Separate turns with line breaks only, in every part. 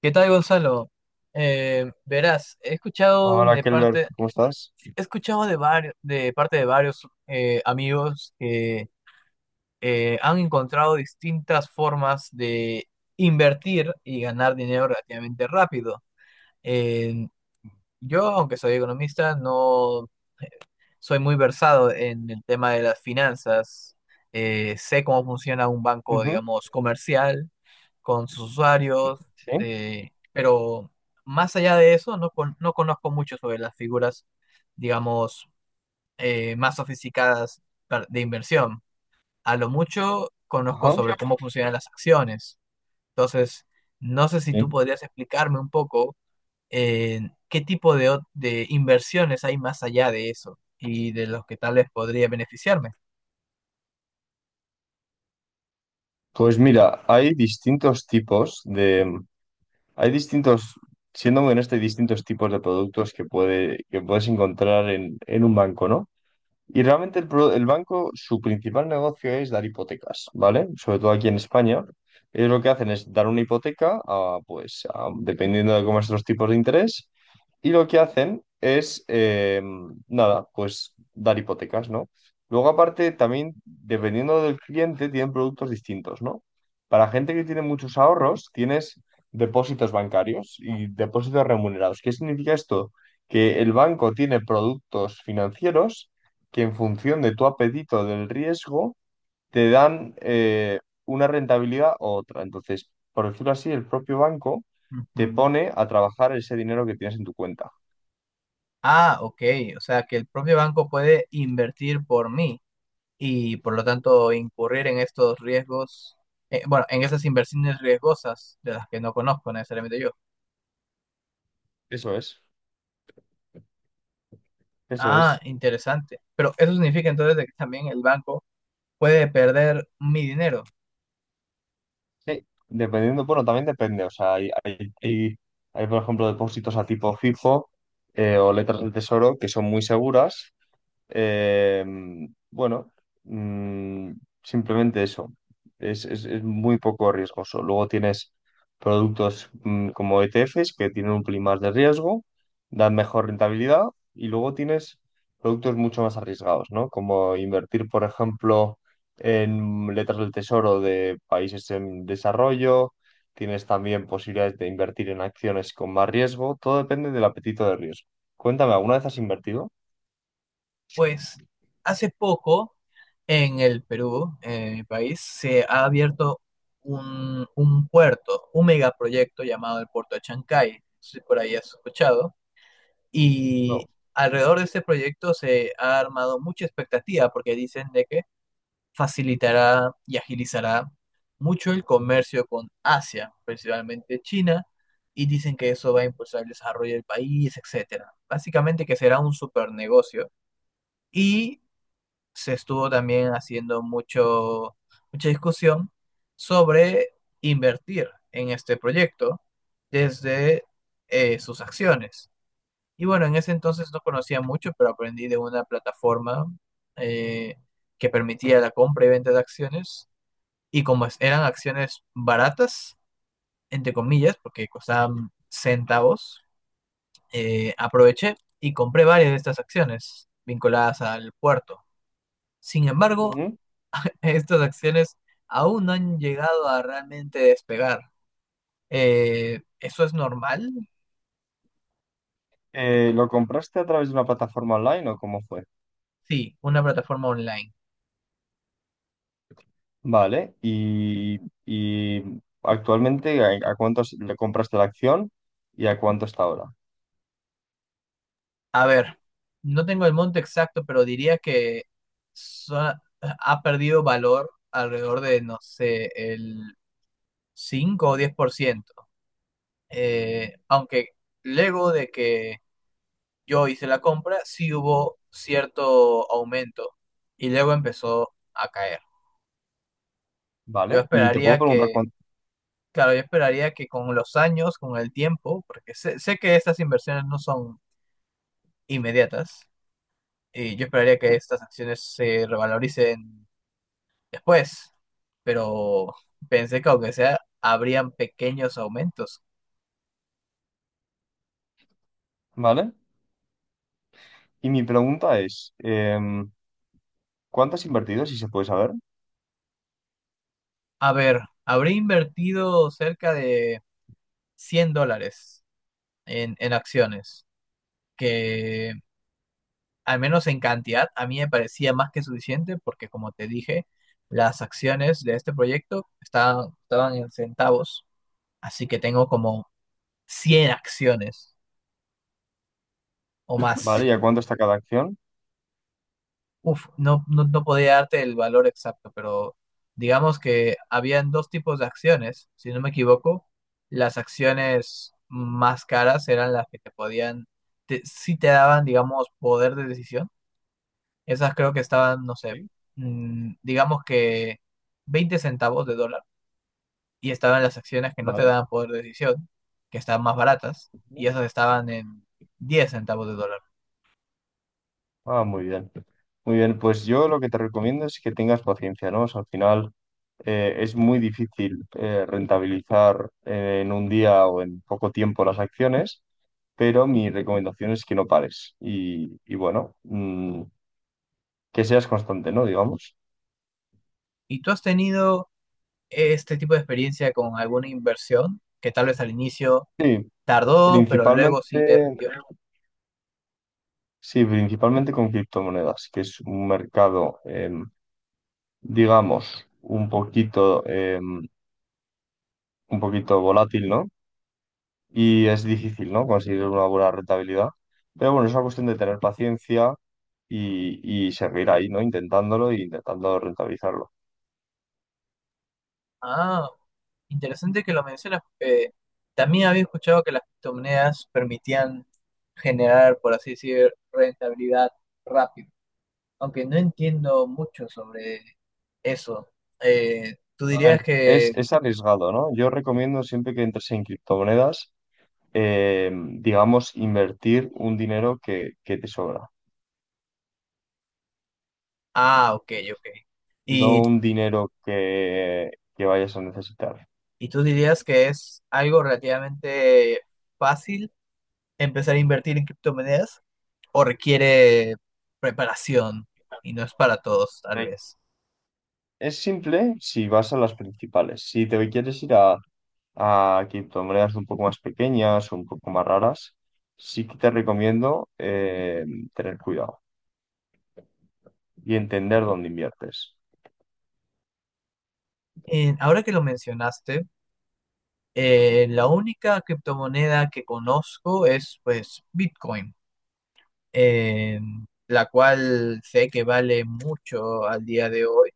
¿Qué tal, Gonzalo? Verás,
Hola, Kelber, ¿cómo estás?
he escuchado de varios, de parte de varios amigos que han encontrado distintas formas de invertir y ganar dinero relativamente rápido. Eh, yo, aunque soy economista, no soy muy versado en el tema de las finanzas. Sé cómo funciona un banco,
Ujú.
digamos, comercial con sus usuarios,
Sí.
pero más allá de eso, no, no conozco mucho sobre las figuras, digamos, más sofisticadas de inversión. A lo mucho conozco sobre
Ajá,
cómo funcionan las acciones. Entonces, no sé si tú
sí.
podrías explicarme un poco eh, qué tipo de, de inversiones hay más allá de eso y de los que tal vez podría beneficiarme.
Pues mira, hay distintos tipos de, hay distintos, siendo muy honesto, hay distintos tipos de productos que que puedes encontrar en un banco, ¿no? Y realmente el banco, su principal negocio es dar hipotecas, ¿vale? Sobre todo aquí en España. Ellos lo que hacen es dar una hipoteca a, pues, a- dependiendo de cómo son los tipos de interés. Y lo que hacen es, nada, pues dar hipotecas, ¿no? Luego, aparte, también, dependiendo del cliente, tienen productos distintos, ¿no? Para gente que tiene muchos ahorros, tienes depósitos bancarios y depósitos remunerados. ¿Qué significa esto? Que el banco tiene productos financieros que en función de tu apetito del riesgo te dan una rentabilidad u otra. Entonces, por decirlo así, el propio banco te
Ujú.
pone a trabajar ese dinero que tienes en tu cuenta.
Ah, ok, o sea que el propio banco puede invertir por mí, y por lo tanto incurrir en estos riesgos, bueno, en esas inversiones riesgosas de las que no conozco necesariamente yo.
Eso es, eso
Ah,
es.
interesante. Pero eso significa entonces de que también el banco puede perder mi dinero.
Sí. Dependiendo, bueno, también depende. O sea, hay por ejemplo, depósitos a tipo fijo, o letras del tesoro que son muy seguras. Eh, bueno, mm, simplemente eso. Es muy poco riesgoso. Luego tienes productos como ETFs que tienen un pelín más de riesgo, dan mejor rentabilidad, y luego tienes productos mucho más arriesgados, ¿no? Como invertir, por ejemplo, en letras del tesoro de países en desarrollo. Tienes también posibilidades de invertir en acciones con más riesgo. Todo depende del apetito de riesgo. Cuéntame, ¿alguna vez has invertido?
Pues hace poco en el Perú, en mi país, se ha abierto un puerto, un megaproyecto llamado el Puerto de Chancay, no si por ahí has escuchado,
No.
y alrededor de este proyecto se ha armado mucha expectativa porque dicen de que facilitará y agilizará mucho el comercio con Asia, principalmente China, y dicen que eso va a impulsar el desarrollo del país, etcétera. Básicamente que será un super negocio. Y se estuvo también haciendo mucho, mucha discusión sobre invertir en este proyecto desde sus acciones. Y bueno, en ese entonces no conocía mucho, pero aprendí de una plataforma eh, que permitía la compra y venta de acciones, y como eran acciones baratas, entre comillas, porque costaban centavos, aproveché y compré varias de estas acciones vinculadas al puerto. Sin embargo,
Ujú.
estas acciones aún no han llegado a realmente despegar. ¿Eso es normal?
¿Lo compraste a través de una plataforma online o cómo fue?
Sí, una plataforma online.
Vale, y actualmente ¿a, le compraste la acción y a cuánto está ahora?
A ver, no tengo el monto exacto, pero diría que so- ha perdido valor alrededor de, no sé, el 5 o 10%. Aunque luego de que yo hice la compra, sí hubo cierto aumento y luego empezó a caer. Yo
Vale, y te puedo
esperaría
preguntar
que,
cuánto,
claro, yo esperaría que con los años, con el tiempo, porque sé, sé que estas inversiones no son inmediatas, y yo esperaría que estas acciones se revaloricen después, pero pensé que aunque sea, habrían pequeños aumentos.
¿vale? Y mi pregunta es, ¿cuánto has invertido, si se puede saber?
A ver, habría invertido cerca de 100 dólares en acciones, que al menos en cantidad a mí me parecía más que suficiente porque como te dije, las acciones de este proyecto estaban en centavos, así que tengo como 100 acciones o más.
Vale, ¿y a cuánto está cada acción?
Uf, no, no, no podía darte el valor exacto, pero digamos que habían dos tipos de acciones, si no me equivoco. Las acciones más caras eran las que sí te daban, digamos, poder de decisión. Esas creo que estaban, no sé,
Sí.
digamos que 20 centavos de dólar, y estaban las acciones que no te
Vale.
daban poder de decisión, que estaban más baratas, y esas estaban en 10 centavos de dólar.
Ah, muy bien. Muy bien, pues yo lo que te recomiendo es que tengas paciencia, ¿no? O sea, al final es muy difícil rentabilizar en un día o en poco tiempo las acciones, pero mi recomendación es que no pares y bueno, que seas constante, ¿no? Digamos.
¿Y tú has tenido este tipo de experiencia con alguna inversión que tal vez al inicio
Sí,
tardó, pero luego
principalmente,
sí te rindió?
sí, principalmente con criptomonedas, que es un mercado, digamos, un poquito, un poquito volátil, ¿no? Y es difícil, ¿no? Conseguir una buena rentabilidad. Pero bueno, es una cuestión de tener paciencia y seguir ahí, ¿no? Intentándolo e intentando rentabilizarlo.
Ah, interesante que lo mencionas, porque también había escuchado que las criptomonedas permitían generar, por así decir, rentabilidad rápido. Aunque no entiendo mucho sobre eso, tú
A
dirías
ver,
que,
es arriesgado, ¿no? Yo recomiendo siempre que entres en criptomonedas, eh, digamos, invertir un dinero que te sobra,
ah, ok, ok. Y,
no un dinero que vayas a necesitar.
y tú dirías que es algo relativamente fácil empezar a invertir en criptomonedas, o requiere preparación y no es para todos, tal
Ok.
vez.
Es simple si vas a las principales. Si te quieres ir a criptomonedas un poco más pequeñas o un poco más raras, sí que te recomiendo tener cuidado y entender dónde inviertes.
Ahora que lo mencionaste, la única criptomoneda que conozco es pues Bitcoin, eh, la cual sé que vale mucho al día de hoy,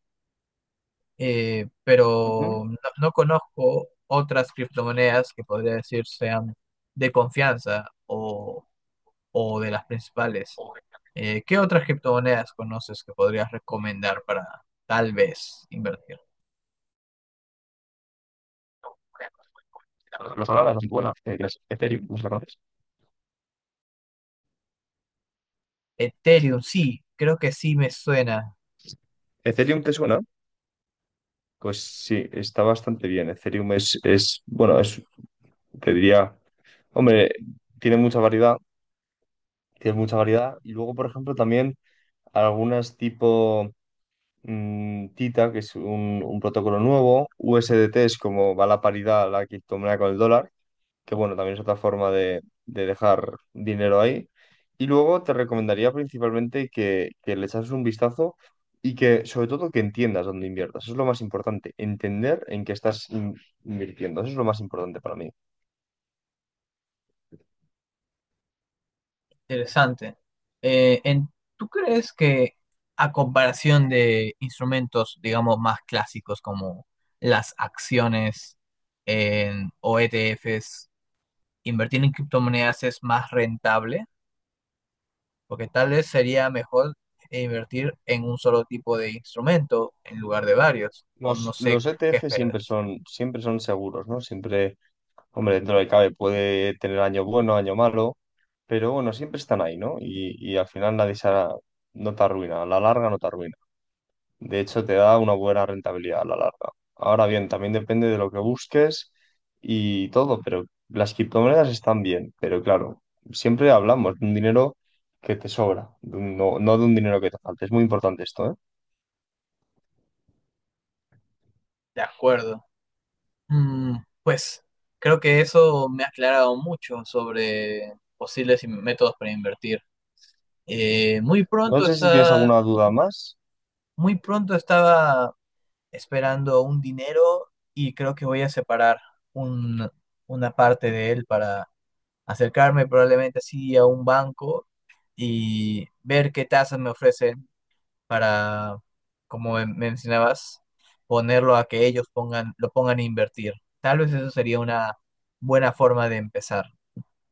pero
Ujú.
no, no conozco otras criptomonedas que podría decir sean de confianza, o de las principales. ¿Qué otras criptomonedas conoces que podrías recomendar para tal vez invertir?
Las palabras, las buenas, las Ethereum, ¿no la conoces?
Ethereum, sí, creo que sí me suena
¿Ethereum te suena? Pues sí, está bastante bien. Ethereum bueno, es, te diría, hombre, tiene mucha variedad, tiene mucha variedad. Y luego, por ejemplo, también algunas tipo. Mm, Tita, que es un protocolo nuevo, U S D T es como va la paridad, la criptomoneda con el dólar, que bueno, también es otra forma de dejar dinero ahí. Y luego te recomendaría principalmente que le echases un vistazo y que sobre todo que entiendas dónde inviertas. Eso es lo más importante, entender en qué invirtiendo. Eso es lo más importante para mí.
interesante. Eh, en- ¿Tú crees que a comparación de instrumentos, digamos, más clásicos como las acciones o ETFs, invertir en criptomonedas es más rentable? Porque tal vez sería mejor invertir en un solo tipo de instrumento en lugar de varios, o no
Los,
sé
los
qué
ETF
esperas.
siempre son seguros, ¿no? Siempre hombre, dentro de lo que cabe puede tener año bueno, año malo, pero bueno, siempre están ahí, ¿no? Y al final nadie se hará- no te arruina, a la larga no te arruina. De hecho, te da una buena rentabilidad a la larga. Ahora bien, también depende de lo que busques y todo, pero las criptomonedas están bien, pero claro, siempre hablamos de un dinero que te sobra, no, no de un dinero que te falta. Es muy importante esto, ¿eh?
De acuerdo. Pues creo que eso me ha aclarado mucho sobre posibles métodos para invertir. Eh, muy
No
pronto
sé si tienes
está,
alguna duda más.
Muy pronto estaba esperando un dinero, y creo que voy a separar un- una parte de él para acercarme probablemente así a un banco y ver qué tasas me ofrecen para, como mencionabas, ponerlo a que ellos pongan, lo pongan a invertir. Tal vez eso sería una buena forma de empezar.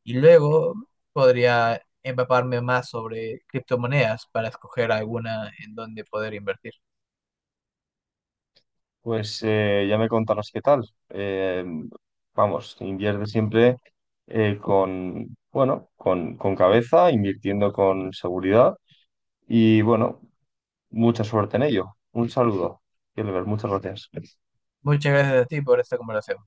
Y luego podría empaparme más sobre criptomonedas para escoger alguna en donde poder invertir.
Pues ya me contarás qué tal. Vamos, invierte siempre con, bueno, con cabeza, invirtiendo con seguridad y bueno, mucha suerte en ello. Un saludo, Gilbert, muchas gracias.
Muchas gracias a ti por esta conversación.